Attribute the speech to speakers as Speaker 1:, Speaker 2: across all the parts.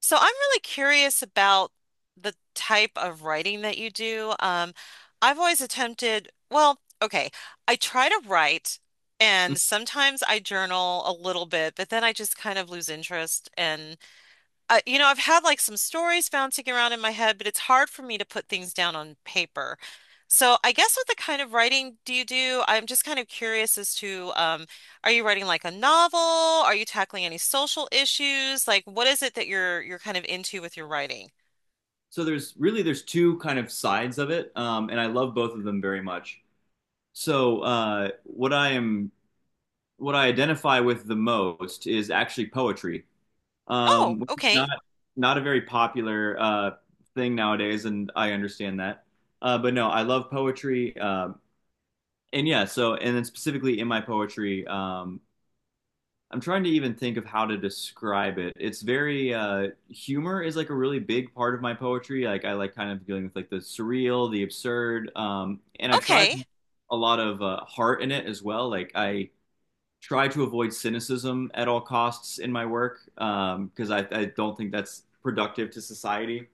Speaker 1: So I'm really curious about the type of writing that you do. I've always attempted, well, okay, I try to write and
Speaker 2: Mm-hmm.
Speaker 1: sometimes I journal a little bit, but then I just kind of lose interest and you know, I've had like some stories bouncing around in my head, but it's hard for me to put things down on paper. So I guess what the kind of writing do you do? I'm just kind of curious as to, are you writing like a novel? Are you tackling any social issues? Like, what is it that you're kind of into with your writing?
Speaker 2: There's two kind of sides of it, and I love both of them very much. So what I identify with the most is actually poetry,
Speaker 1: Oh,
Speaker 2: which is
Speaker 1: okay,
Speaker 2: not a very popular thing nowadays, and I understand that. But no, I love poetry, and yeah. So and then specifically in my poetry, I'm trying to even think of how to describe it. It's very humor is like a really big part of my poetry. Like I like kind of dealing with like the surreal, the absurd, and I try
Speaker 1: okay,
Speaker 2: to have a lot of heart in it as well. Like I try to avoid cynicism at all costs in my work because I don't think that's productive to society.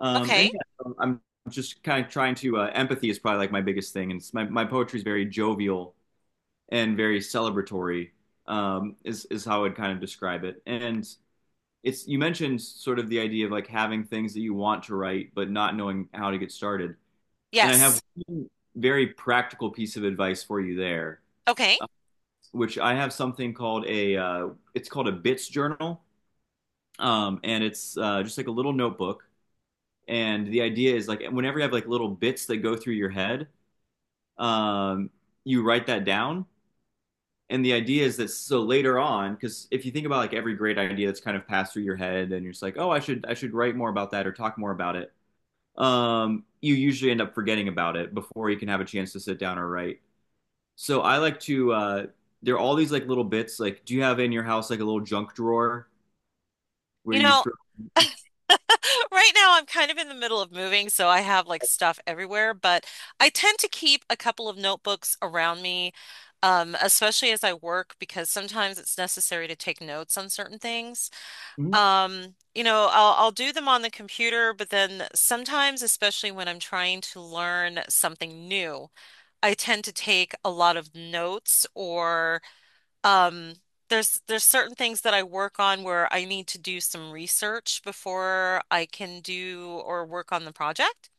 Speaker 1: okay.
Speaker 2: And yeah, I'm just kind of trying to empathy is probably like my biggest thing, and it's my my poetry is very jovial and very celebratory is how I would kind of describe it. And it's you mentioned sort of the idea of like having things that you want to write but not knowing how to get started. And I have
Speaker 1: Yes,
Speaker 2: one very practical piece of advice for you there,
Speaker 1: okay.
Speaker 2: uh, which I have something called a it's called a bits journal, and it's just like a little notebook. And the idea is like whenever you have like little bits that go through your head, um, you write that down and the idea is that so later on because if you think about like every great idea that's kind of passed through your head and you're just like oh I should write more about that or talk more about it you usually end up forgetting about it before you can have a chance to sit down or write so I like to uh, there are all these like little bits. Like do you have in your house like a little junk drawer where
Speaker 1: You
Speaker 2: you
Speaker 1: know,
Speaker 2: throw?
Speaker 1: right now, I'm kind of in the middle of moving, so I have like stuff everywhere, but I tend to keep a couple of notebooks around me, especially as I work, because sometimes it's necessary to take notes on certain things.
Speaker 2: Mhm,
Speaker 1: You know, I'll do them on the computer, but then sometimes, especially when I'm trying to learn something new, I tend to take a lot of notes or um, there's certain things that I work on where I need to do some research before I can do or work on the project.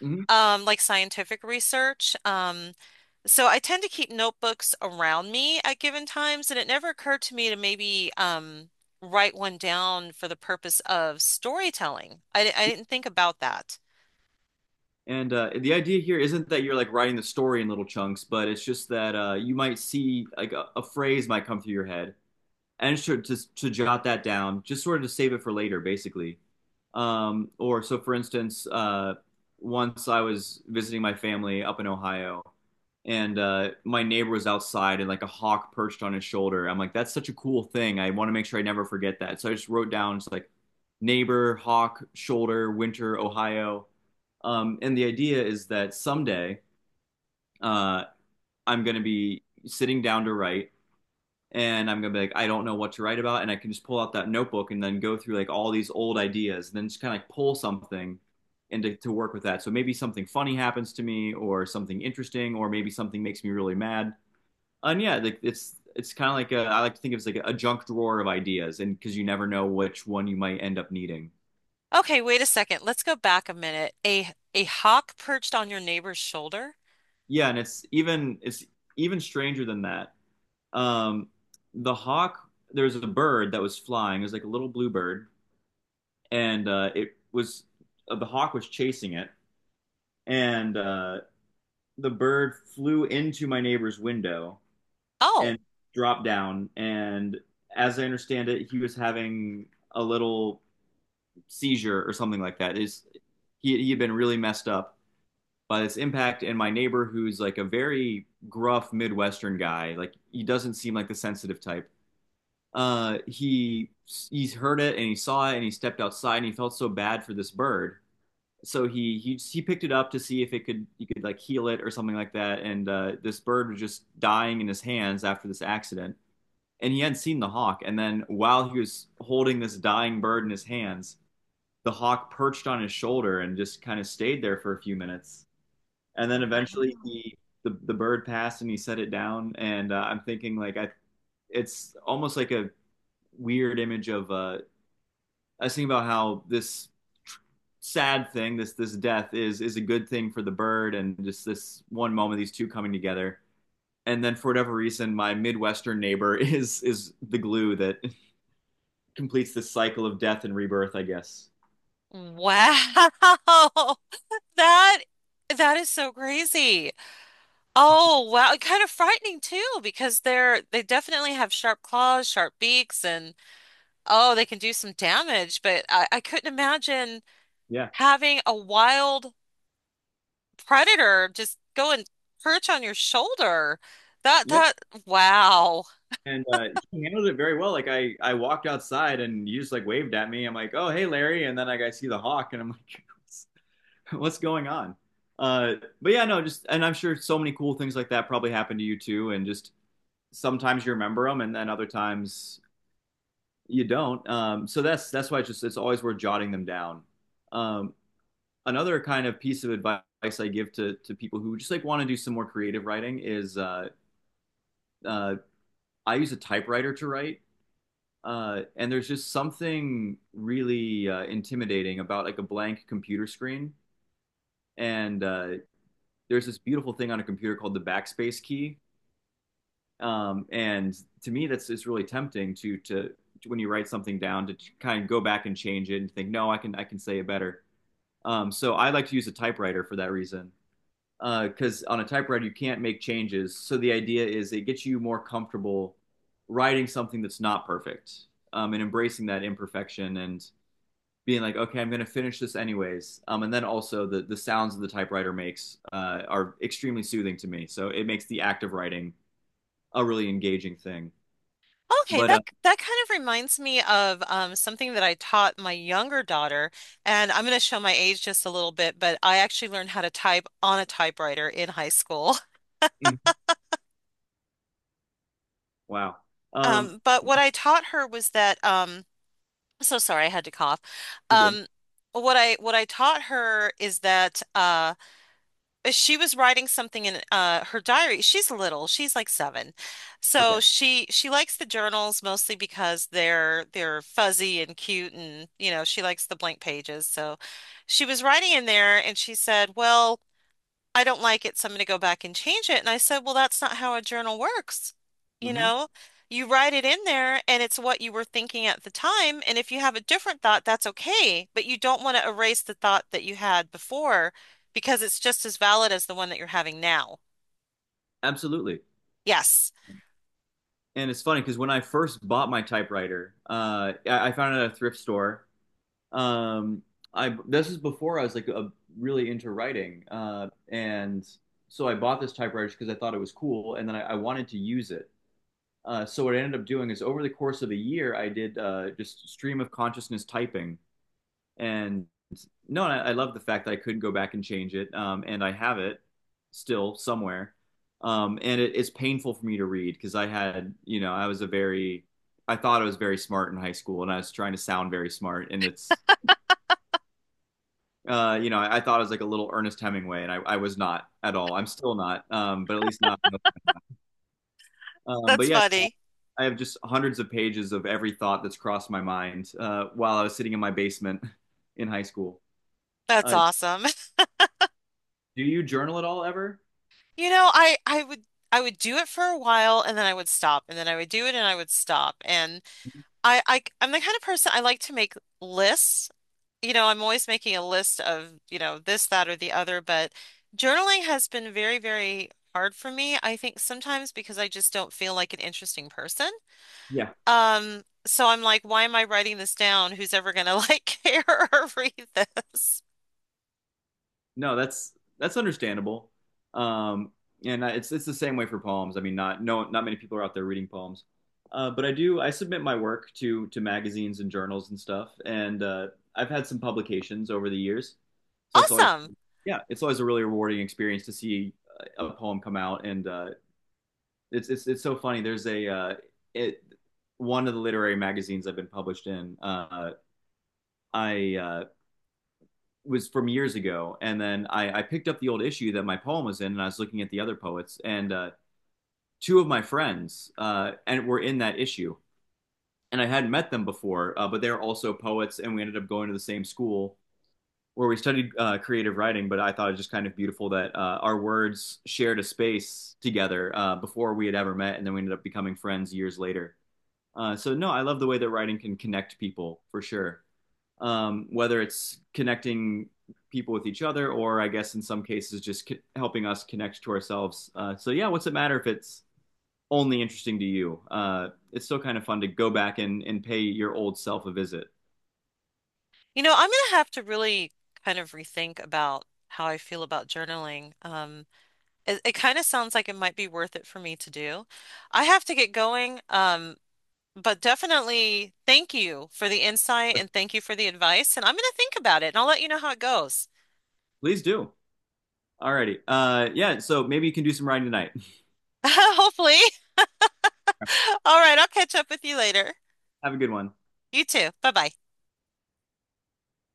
Speaker 2: mhm.
Speaker 1: Like scientific research. So I tend to keep notebooks around me at given times, and it never occurred to me to maybe write one down for the purpose of storytelling. I didn't think about that.
Speaker 2: And the idea here isn't that you're like writing the story in little chunks, but it's just that you might see like a phrase might come through your head and sure to jot that down, just sort of to save it for later, basically. Or so, for instance, once I was visiting my family up in Ohio, and my neighbor was outside, and like a hawk perched on his shoulder. I'm like, that's such a cool thing. I want to make sure I never forget that. So I just wrote down just like neighbor, hawk, shoulder, winter, Ohio. And the idea is that someday uh, I'm going to be sitting down to write and I'm gonna be like, I don't know what to write about, and I can just pull out that notebook and then go through like all these old ideas, and then just kind of like pull something and to work with that. So maybe something funny happens to me, or something interesting, or maybe something makes me really mad. And yeah, like it's kind of like a, I like to think of it as like a junk drawer of ideas, and because you never know which one you might end up needing.
Speaker 1: Okay, wait a second. Let's go back a minute. A hawk perched on your neighbor's shoulder?
Speaker 2: Yeah, and it's even stranger than that. Um, the hawk, there was a bird that was flying. It was like a little blue bird and it was the hawk was chasing it, and the bird flew into my neighbor's window
Speaker 1: Oh,
Speaker 2: and dropped down. And as I understand it, he was having a little seizure or something like that. Is he had been really messed up by this impact, and my neighbor, who's like a very gruff midwestern guy, like he doesn't seem like the sensitive type. uh he he's heard it and he saw it and he stepped outside and he felt so bad for this bird, so he picked it up to see if it could, you could like heal it or something like that. And this bird was just dying in his hands after this accident, and he hadn't seen the hawk. And then while he was holding this dying bird in his hands, the hawk perched on his shoulder and just kind of stayed there for a few minutes. And then eventually he the bird passed and he set it down. And I'm thinking like I it's almost like a weird image of I was thinking about how this sad thing, this death, is a good thing for the bird, and just this one moment, these two coming together. And then for whatever reason, my midwestern neighbor is the glue that completes this cycle of death and rebirth, I guess.
Speaker 1: wow. That that is so crazy. Oh wow, kind of frightening too because they definitely have sharp claws, sharp beaks, and oh, they can do some damage. But I couldn't imagine
Speaker 2: Yeah.
Speaker 1: having a wild predator just go and perch on your shoulder. That
Speaker 2: Yeah.
Speaker 1: that wow.
Speaker 2: And he handled it very well. Like I walked outside and you just like waved at me. I'm like, oh hey Larry, and then like I see the hawk and I'm like, what's, what's going on? Uh, but yeah, no, just and I'm sure so many cool things like that probably happened to you too, and just sometimes you remember them and then other times you don't. So that's why it's always worth jotting them down. Um, another kind of piece of advice I give to people who just like want to do some more creative writing is uh, I use a typewriter to write. And there's just something really intimidating about like a blank computer screen. And there's this beautiful thing on a computer called the backspace key. And to me, that's it's really tempting to when you write something down to kind of go back and change it and think, no, I can say it better. So I like to use a typewriter for that reason because on a typewriter you can't make changes. So the idea is it gets you more comfortable writing something that's not perfect, and embracing that imperfection and being like, okay, I'm going to finish this anyways. And then also the sounds that the typewriter makes are extremely soothing to me. So it makes the act of writing a really engaging thing.
Speaker 1: Okay,
Speaker 2: But
Speaker 1: that that kind of reminds me of something that I taught my younger daughter, and I'm going to show my age just a little bit, but I actually learned how to type on a typewriter in high school.
Speaker 2: Mhm. Wow. Um,
Speaker 1: But what I taught her was that I'm so sorry I had to cough.
Speaker 2: you're good.
Speaker 1: Um, what I taught her is that she was writing something in her diary. She's little, she's like seven, so
Speaker 2: Okay.
Speaker 1: she likes the journals mostly because they're fuzzy and cute, and you know she likes the blank pages. So she was writing in there, and she said, "Well, I don't like it, so I'm going to go back and change it." And I said, well, that's not how a journal works. You
Speaker 2: Hmm.
Speaker 1: know, you write it in there and it's what you were thinking at the time. And if you have a different thought, that's okay. But you don't want to erase the thought that you had before because it's just as valid as the one that you're having now.
Speaker 2: Absolutely.
Speaker 1: Yes,
Speaker 2: And it's funny because when I first bought my typewriter, I found it at a thrift store. Um, I this is before I was like really into writing, and so I bought this typewriter because I thought it was cool, and then I wanted to use it. So what I ended up doing is over the course of a year, I did just stream of consciousness typing. And no, I love the fact that I could go back and change it, and I have it still somewhere. And it's painful for me to read because I had, you know, I thought I was very smart in high school, and I was trying to sound very smart, and it's, you know, I thought I was like a little Ernest Hemingway, and I was not at all. I'm still not, but at least now. But
Speaker 1: that's
Speaker 2: yeah,
Speaker 1: funny.
Speaker 2: I have just hundreds of pages of every thought that's crossed my mind while I was sitting in my basement in high school.
Speaker 1: That's
Speaker 2: Uh,
Speaker 1: awesome.
Speaker 2: do you journal at all ever?
Speaker 1: You know, I would do it for a while and then I would stop and then I would do it and I would stop. And I'm the kind of person I like to make lists. You know, I'm always making a list of, you know, this, that, or the other, but journaling has been very, very hard for me. I think sometimes because I just don't feel like an interesting person.
Speaker 2: Yeah.
Speaker 1: So I'm like, why am I writing this down? Who's ever gonna like care or read this?
Speaker 2: No, that's understandable. Um, and it's the same way for poems. I mean, not no, not many people are out there reading poems. But I submit my work to magazines and journals and stuff, and I've had some publications over the years. So that's always,
Speaker 1: Awesome.
Speaker 2: yeah, it's always a really rewarding experience to see a poem come out, and it's so funny. There's a it one of the literary magazines I've been published in. I was from years ago, and then I picked up the old issue that my poem was in, and I was looking at the other poets, and two of my friends and were in that issue, and I hadn't met them before, but they were also poets, and we ended up going to the same school where we studied creative writing. But I thought it was just kind of beautiful that our words shared a space together before we had ever met, and then we ended up becoming friends years later. So no, I love the way that writing can connect people for sure. Whether it's connecting people with each other, or I guess in some cases just helping us connect to ourselves. So yeah, what's it matter if it's only interesting to you? It's still kind of fun to go back and pay your old self a visit.
Speaker 1: You know, I'm gonna have to really kind of rethink about how I feel about journaling. It, it kind of sounds like it might be worth it for me to do. I have to get going. But definitely thank you for the insight and thank you for the advice. And I'm going to think about it and I'll let you know how it goes.
Speaker 2: Please do. Alrighty. Yeah. So maybe you can do some writing tonight.
Speaker 1: Hopefully. All right, I'll catch up with you later.
Speaker 2: Have a good one.
Speaker 1: You too. Bye bye.